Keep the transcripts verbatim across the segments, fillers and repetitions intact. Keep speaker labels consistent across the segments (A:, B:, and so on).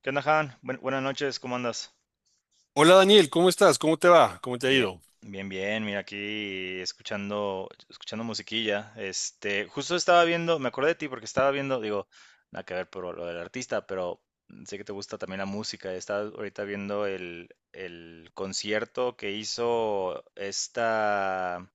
A: ¿Qué onda, Han? Buen- buenas noches, ¿cómo andas?
B: Hola Daniel, ¿cómo estás? ¿Cómo te va? ¿Cómo te ha
A: Bien,
B: ido?
A: bien, bien. Mira, aquí escuchando, escuchando musiquilla. Este, justo estaba viendo, me acordé de ti porque estaba viendo, digo, nada que ver por lo del artista, pero sé que te gusta también la música. Estaba ahorita viendo el, el concierto que hizo esta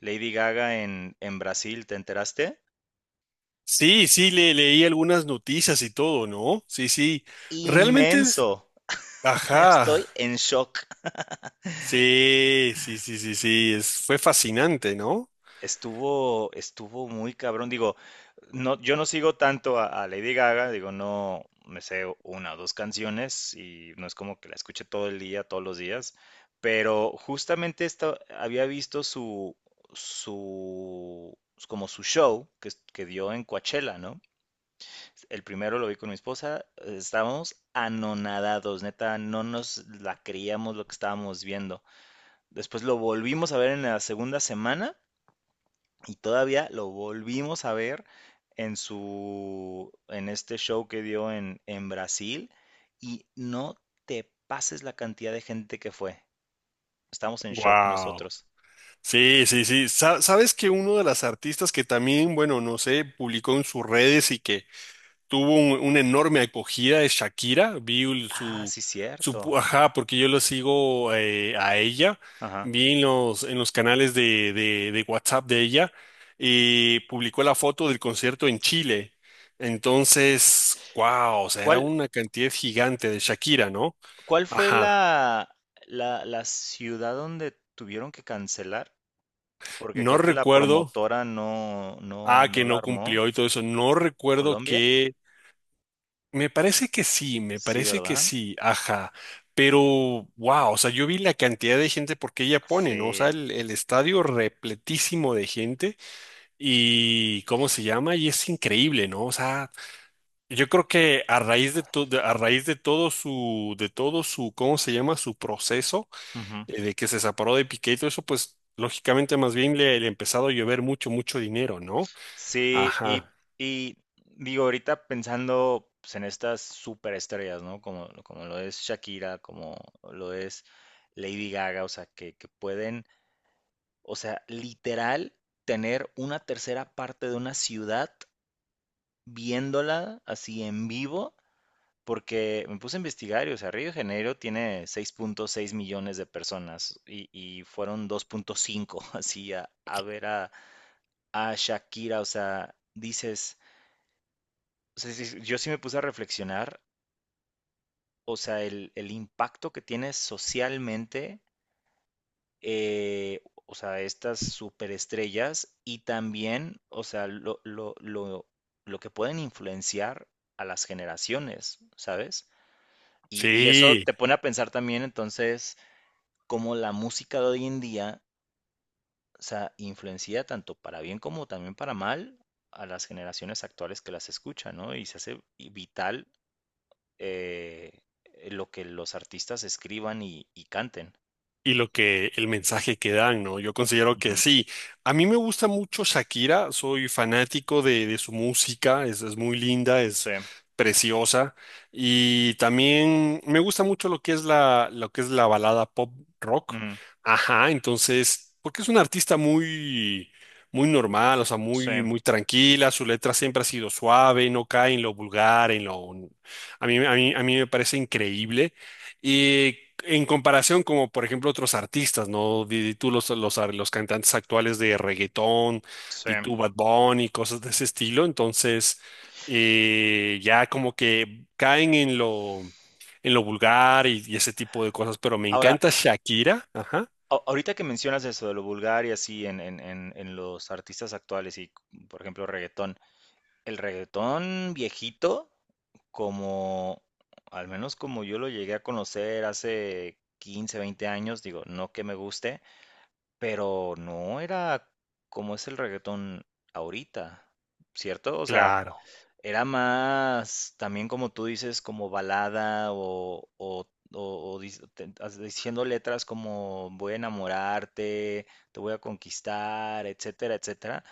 A: Lady Gaga en, en Brasil, ¿te enteraste?
B: Sí, sí, le, leí algunas noticias y todo, ¿no? Sí, sí. Realmente es...
A: Inmenso.
B: Ajá.
A: Estoy en shock.
B: Sí, sí, sí, sí, sí. Es- fue fascinante, ¿no?
A: Estuvo, estuvo muy cabrón. Digo, no, yo no sigo tanto a, a Lady Gaga, digo, no me sé una o dos canciones y no es como que la escuche todo el día, todos los días, pero justamente esta, había visto su, su, como su show que, es- que dio en Coachella, ¿no? El primero lo vi con mi esposa, estábamos anonadados, neta, no nos la creíamos lo que estábamos viendo. Después lo volvimos a ver en la segunda semana y todavía lo volvimos a ver en su, en este show que dio en, en Brasil. Y no te pases la cantidad de gente que fue. Estamos en shock
B: Wow.
A: nosotros.
B: Sí, sí, sí. Sa- sabes que uno de las artistas que también, bueno, no sé, publicó en sus redes y que tuvo un- una enorme acogida de Shakira, vi el-
A: Ah,
B: su,
A: sí,
B: su,
A: cierto.
B: ajá, porque yo lo sigo eh, a ella,
A: Ajá.
B: vi en los, en los canales de, de, de guasap de ella, y publicó la foto del concierto en Chile. Entonces, wow, o sea, era
A: ¿Cuál,
B: una cantidad gigante de Shakira, ¿no?
A: ¿cuál fue
B: Ajá.
A: la, la, la ciudad donde tuvieron que cancelar? Porque
B: No
A: creo que la
B: recuerdo,
A: promotora no, no,
B: ah, que
A: no la
B: no
A: armó.
B: cumplió y todo eso, no recuerdo
A: ¿Colombia?
B: qué. Me parece que sí, me
A: Sí,
B: parece que
A: ¿verdad?
B: sí, ajá. Pero, wow, o sea, yo vi la cantidad de gente porque ella pone, ¿no? O
A: Sí.
B: sea, el, el estadio repletísimo de gente y ¿cómo se llama? Y es increíble, ¿no? O sea, yo creo que a raíz de todo, a raíz de todo su, de todo su, ¿cómo se llama? Su proceso eh, de que se separó de Piqué y todo eso, pues lógicamente más bien le, le ha empezado a llover mucho, mucho dinero, ¿no?
A: Sí, y,
B: Ajá.
A: y digo, ahorita pensando pues, en estas superestrellas, ¿no? Como, como lo es Shakira, como lo es Lady Gaga, o sea, que, que pueden, o sea, literal tener una tercera parte de una ciudad viéndola así en vivo, porque me puse a investigar y, o sea, Río de Janeiro tiene seis punto seis millones de personas y, y fueron dos punto cinco así a, a ver a, a Shakira, o sea, dices. O sea, sí, sí, yo sí me puse a reflexionar, o sea, el, el impacto que tiene socialmente, eh, o sea, estas superestrellas y también, o sea, lo, lo, lo, lo que pueden influenciar a las generaciones, ¿sabes? Y, y eso
B: Sí.
A: te pone a pensar también entonces cómo la música de hoy en día, o sea, influencia tanto para bien como también para mal a las generaciones actuales que las escuchan, ¿no? Y se hace vital eh, eh, lo que los artistas escriban y, y canten.
B: Y lo que el mensaje que dan, ¿no? Yo considero que
A: Ujú,
B: sí. A mí me gusta mucho Shakira, soy fanático de, de su música, es, es muy linda,
A: sí,
B: es preciosa, y también me gusta mucho lo que es la, lo que es la balada pop rock.
A: ujú,
B: Ajá, entonces, porque es una artista muy, muy normal, o sea,
A: sí,
B: muy, muy tranquila, su letra siempre ha sido suave, no cae en lo vulgar, en lo... A mí, a mí, a mí me parece increíble. Y en comparación, como por ejemplo otros artistas, ¿no? Di tú los, los, los cantantes actuales de reggaetón,
A: sí.
B: de tu Bad Bunny, cosas de ese estilo. Entonces, eh, ya como que caen en lo, en lo vulgar y, y ese tipo de cosas. Pero me
A: Ahora,
B: encanta Shakira, ajá,
A: a- ahorita que mencionas eso de lo vulgar y así en, en- en- en los artistas actuales y, por ejemplo, reggaetón, el reggaetón viejito, como, al menos como yo lo llegué a conocer hace quince, veinte años, digo, no que me guste, pero no era como es el reggaetón ahorita, ¿cierto? O sea,
B: claro.
A: era más, también como tú dices, como balada o, o, o- o dic- te- as- diciendo letras como voy a enamorarte, te voy a conquistar, etcétera, etcétera,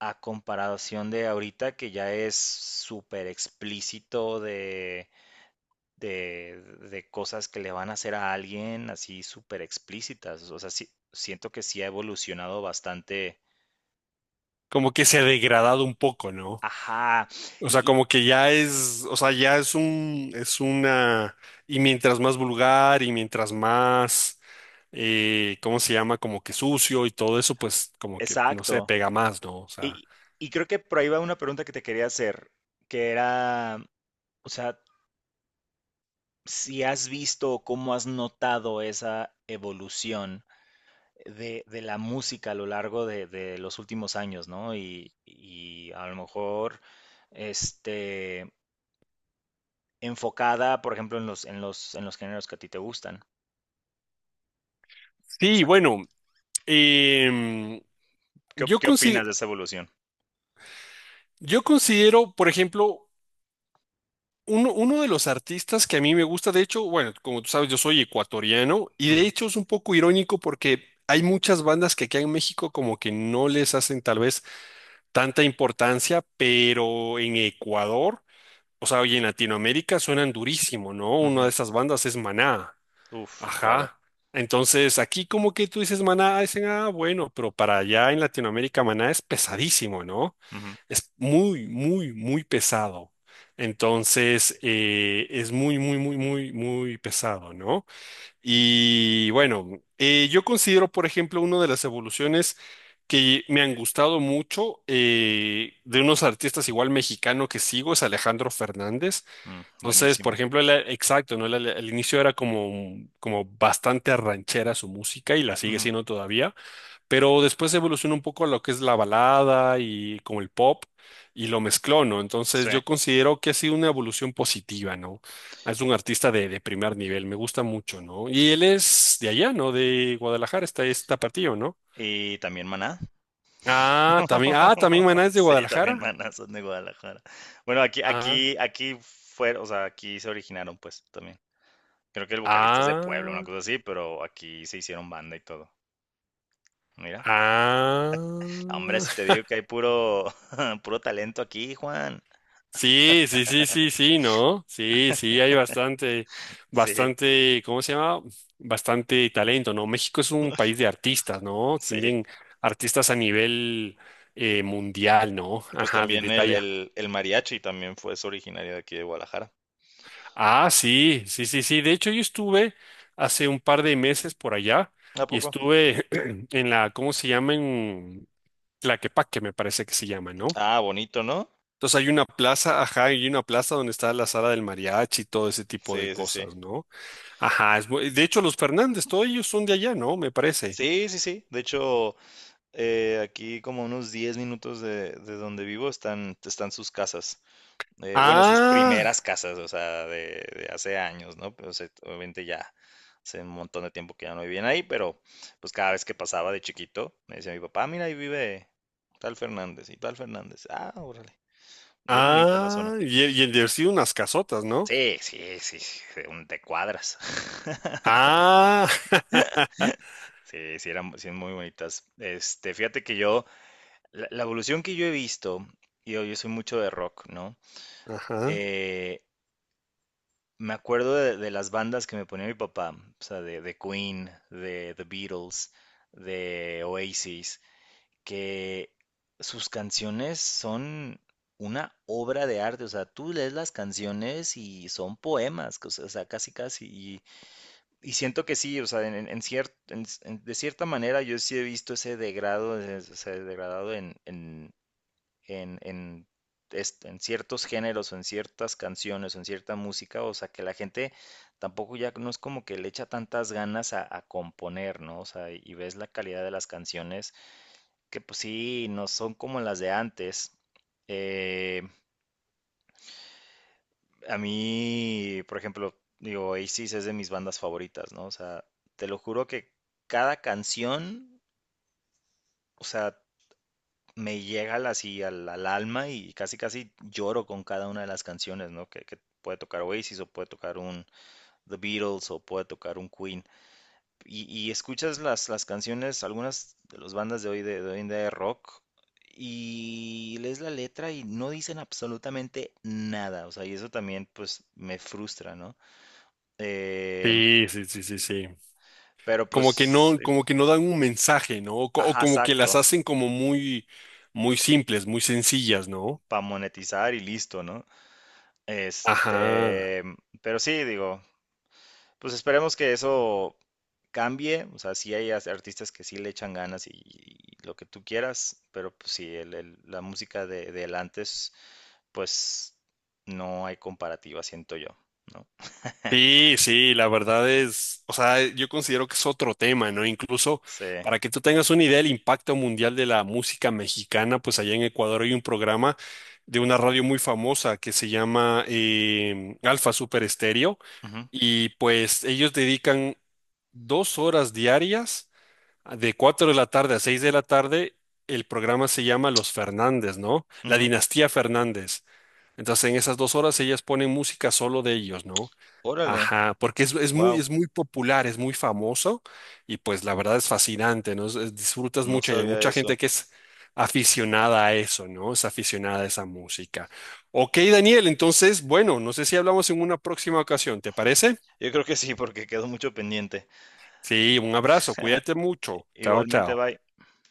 A: a comparación de ahorita que ya es súper explícito de, de, de cosas que le van a hacer a alguien, así súper explícitas. O sea, sí- siento que sí ha evolucionado bastante.
B: Como que se ha degradado un poco, ¿no?
A: Ajá,
B: O
A: y
B: sea,
A: y-
B: como que ya es, o sea, ya es un, es una, y mientras más vulgar y mientras más, eh, ¿cómo se llama? Como que sucio y todo eso, pues como que, no sé,
A: exacto.
B: pega más, ¿no? O sea,
A: Y, y creo que por ahí va una pregunta que te quería hacer, que era, o sea, si has visto o cómo has notado esa evolución de, de la música a lo largo de, de los últimos años, ¿no? Y, y a lo mejor, este, enfocada, por ejemplo, en los, en los, en los géneros que a ti te gustan. O
B: sí,
A: sea,
B: bueno, em,
A: ¿qué, op-
B: yo
A: ¿qué opinas
B: considero,
A: de esa evolución?
B: yo considero, por ejemplo, uno, uno de los artistas que a mí me gusta, de hecho, bueno, como tú sabes, yo soy ecuatoriano, y de
A: Ujú,
B: hecho es un poco irónico porque hay muchas bandas que aquí en México como que no les hacen tal vez tanta importancia, pero en Ecuador, o sea, y en Latinoamérica suenan durísimo, ¿no?
A: ujú.
B: Una de esas bandas es Maná.
A: Uf, claro.
B: Ajá. Entonces, aquí como que tú dices Maná, dicen, ah, bueno, pero para allá en Latinoamérica Maná es pesadísimo, ¿no?
A: Ujú,
B: Es muy, muy, muy pesado. Entonces, eh, es muy, muy, muy, muy, muy pesado, ¿no? Y bueno, eh, yo considero, por ejemplo, una de las evoluciones que me han gustado mucho eh, de unos artistas igual mexicano que sigo es Alejandro Fernández.
A: mm,
B: Entonces, por
A: buenísimo.
B: ejemplo, él, eh, exacto, ¿no? Él al al inicio era como, como bastante ranchera su música y la sigue
A: Ujú,
B: siendo todavía, pero después evolucionó un poco a lo que es la balada y como el pop y lo mezcló, ¿no? Entonces
A: sí.
B: yo considero que ha sido una evolución positiva, ¿no? Es un artista de, de primer nivel, me gusta mucho, ¿no? Y él es de allá, ¿no? De Guadalajara, está está partido, ¿no?
A: ¿Y también Maná?
B: Ah, también, ah, también Maná es de
A: Sí, también
B: Guadalajara.
A: manas son de Guadalajara. Bueno, aquí,
B: Ah,
A: aquí, aquí fue, o sea, aquí se originaron, pues, también. Creo que el vocalista es de Puebla, una
B: ah,
A: cosa así, pero aquí se hicieron banda y todo. Mira, hombre,
B: ah.
A: si te digo que hay puro, puro talento aquí, Juan.
B: Sí, sí, sí, sí, sí, ¿no? Sí, sí, hay bastante,
A: Sí,
B: bastante, ¿cómo se llama? Bastante talento, ¿no? México es un país de artistas, ¿no?
A: sí.
B: Tienen artistas a nivel eh, mundial, ¿no?
A: Pues
B: Ajá, de,
A: también el,
B: detalle.
A: el, el mariachi también fue, es originario de aquí de Guadalajara.
B: Ah, sí, sí, sí, sí. De hecho, yo estuve hace un par de meses por allá
A: ¿A
B: y
A: poco?
B: estuve en la, ¿cómo se llama? En Tlaquepaque, me parece que se llama, ¿no?
A: Ah, bonito, ¿no?
B: Entonces hay una plaza, ajá, hay una plaza donde está la sala del mariachi y todo ese tipo de
A: Sí, sí, sí.
B: cosas, ¿no? Ajá, es muy- de hecho los Fernández, todos ellos son de allá, ¿no? Me parece.
A: Sí, sí, sí. De hecho, Eh, aquí como unos diez minutos de, de donde vivo están, están sus casas. Eh, bueno, sus
B: Ah,
A: primeras casas, o sea, de, de hace años, ¿no? Pero se- obviamente ya hace un montón de tiempo que ya no vivían ahí, pero pues cada vez que pasaba de chiquito, me decía mi papá, mira, ahí vive tal Fernández y tal Fernández. Ah, órale. Bien bonita la
B: ah,
A: zona.
B: y, y el de haber sido unas casotas, ¿no?
A: Sí, sí, sí, sí, de un- de cuadras.
B: Ah,
A: Sí, sí, eran sí, muy bonitas. Este, fíjate que yo, la, la evolución que yo he visto, y yo, yo soy mucho de rock, ¿no?
B: ajá.
A: Eh, me acuerdo de, de las bandas que me ponía mi papá, o sea, de, de Queen, de The Beatles, de Oasis, que sus canciones son una obra de arte, o sea, tú lees las canciones y son poemas, que, o sea, o sea, casi casi, y, y siento que sí, o sea, en, en- en cier- en- en- de cierta manera yo sí he visto ese degrado, ese, ese degradado en, en en, en, est- en ciertos géneros o en ciertas canciones o en cierta música, o sea, que la gente tampoco ya no es como que le echa tantas ganas a, a componer, ¿no? O sea, y ves la calidad de las canciones, que pues sí, no son como las de antes. Eh, a mí, por ejemplo, digo, Oasis es de mis bandas favoritas, ¿no? O sea, te lo juro que cada canción, o sea, me llega al- así al, al alma y casi casi lloro con cada una de las canciones, ¿no? Que, que puede tocar Oasis o puede tocar un The Beatles o puede tocar un Queen. Y, y escuchas las, las canciones, algunas de las bandas de hoy de, de hoy en día de rock y lees la letra y no dicen absolutamente nada, o sea, y eso también pues me frustra, ¿no? Eh,
B: Sí, sí, sí, sí, sí.
A: pero
B: Como que
A: pues,
B: no,
A: sí,
B: como que no dan un mensaje, ¿no? O, co- o
A: ajá,
B: como que las
A: exacto,
B: hacen como muy, muy simples, muy sencillas, ¿no?
A: para monetizar y listo, ¿no?
B: Ajá.
A: Este, pero sí, digo. Pues esperemos que eso cambie, o sea, sí hay as- artistas que sí le echan ganas y, y lo que tú quieras, pero pues sí, el- el- la música de, del antes, pues no hay comparativa, siento yo, ¿no?
B: Sí, sí, la verdad es, o sea, yo considero que es otro tema, ¿no? Incluso
A: Sí.
B: para que tú tengas una idea del impacto mundial de la música mexicana, pues allá en Ecuador hay un programa de una radio muy famosa que se llama eh, Alfa Super Estéreo,
A: Ujú,
B: y pues ellos dedican dos horas diarias, de cuatro de la tarde a seis de la tarde, el programa se llama Los Fernández, ¿no? La
A: ujú.
B: dinastía Fernández. Entonces, en esas dos horas ellas ponen música solo de ellos, ¿no?
A: Órale,
B: Ajá, porque es, es
A: wow,
B: muy, es muy popular, es muy famoso y pues la verdad es fascinante, ¿no? Es- es- disfrutas
A: no
B: mucho y hay
A: sabía
B: mucha
A: eso.
B: gente que es aficionada a eso, ¿no? Es aficionada a esa música. Ok, Daniel, entonces, bueno, no sé si hablamos en una próxima ocasión, ¿te parece?
A: Yo creo que sí, porque quedó mucho pendiente.
B: Sí, un abrazo, cuídate mucho. Chao,
A: Igualmente,
B: chao.
A: bye.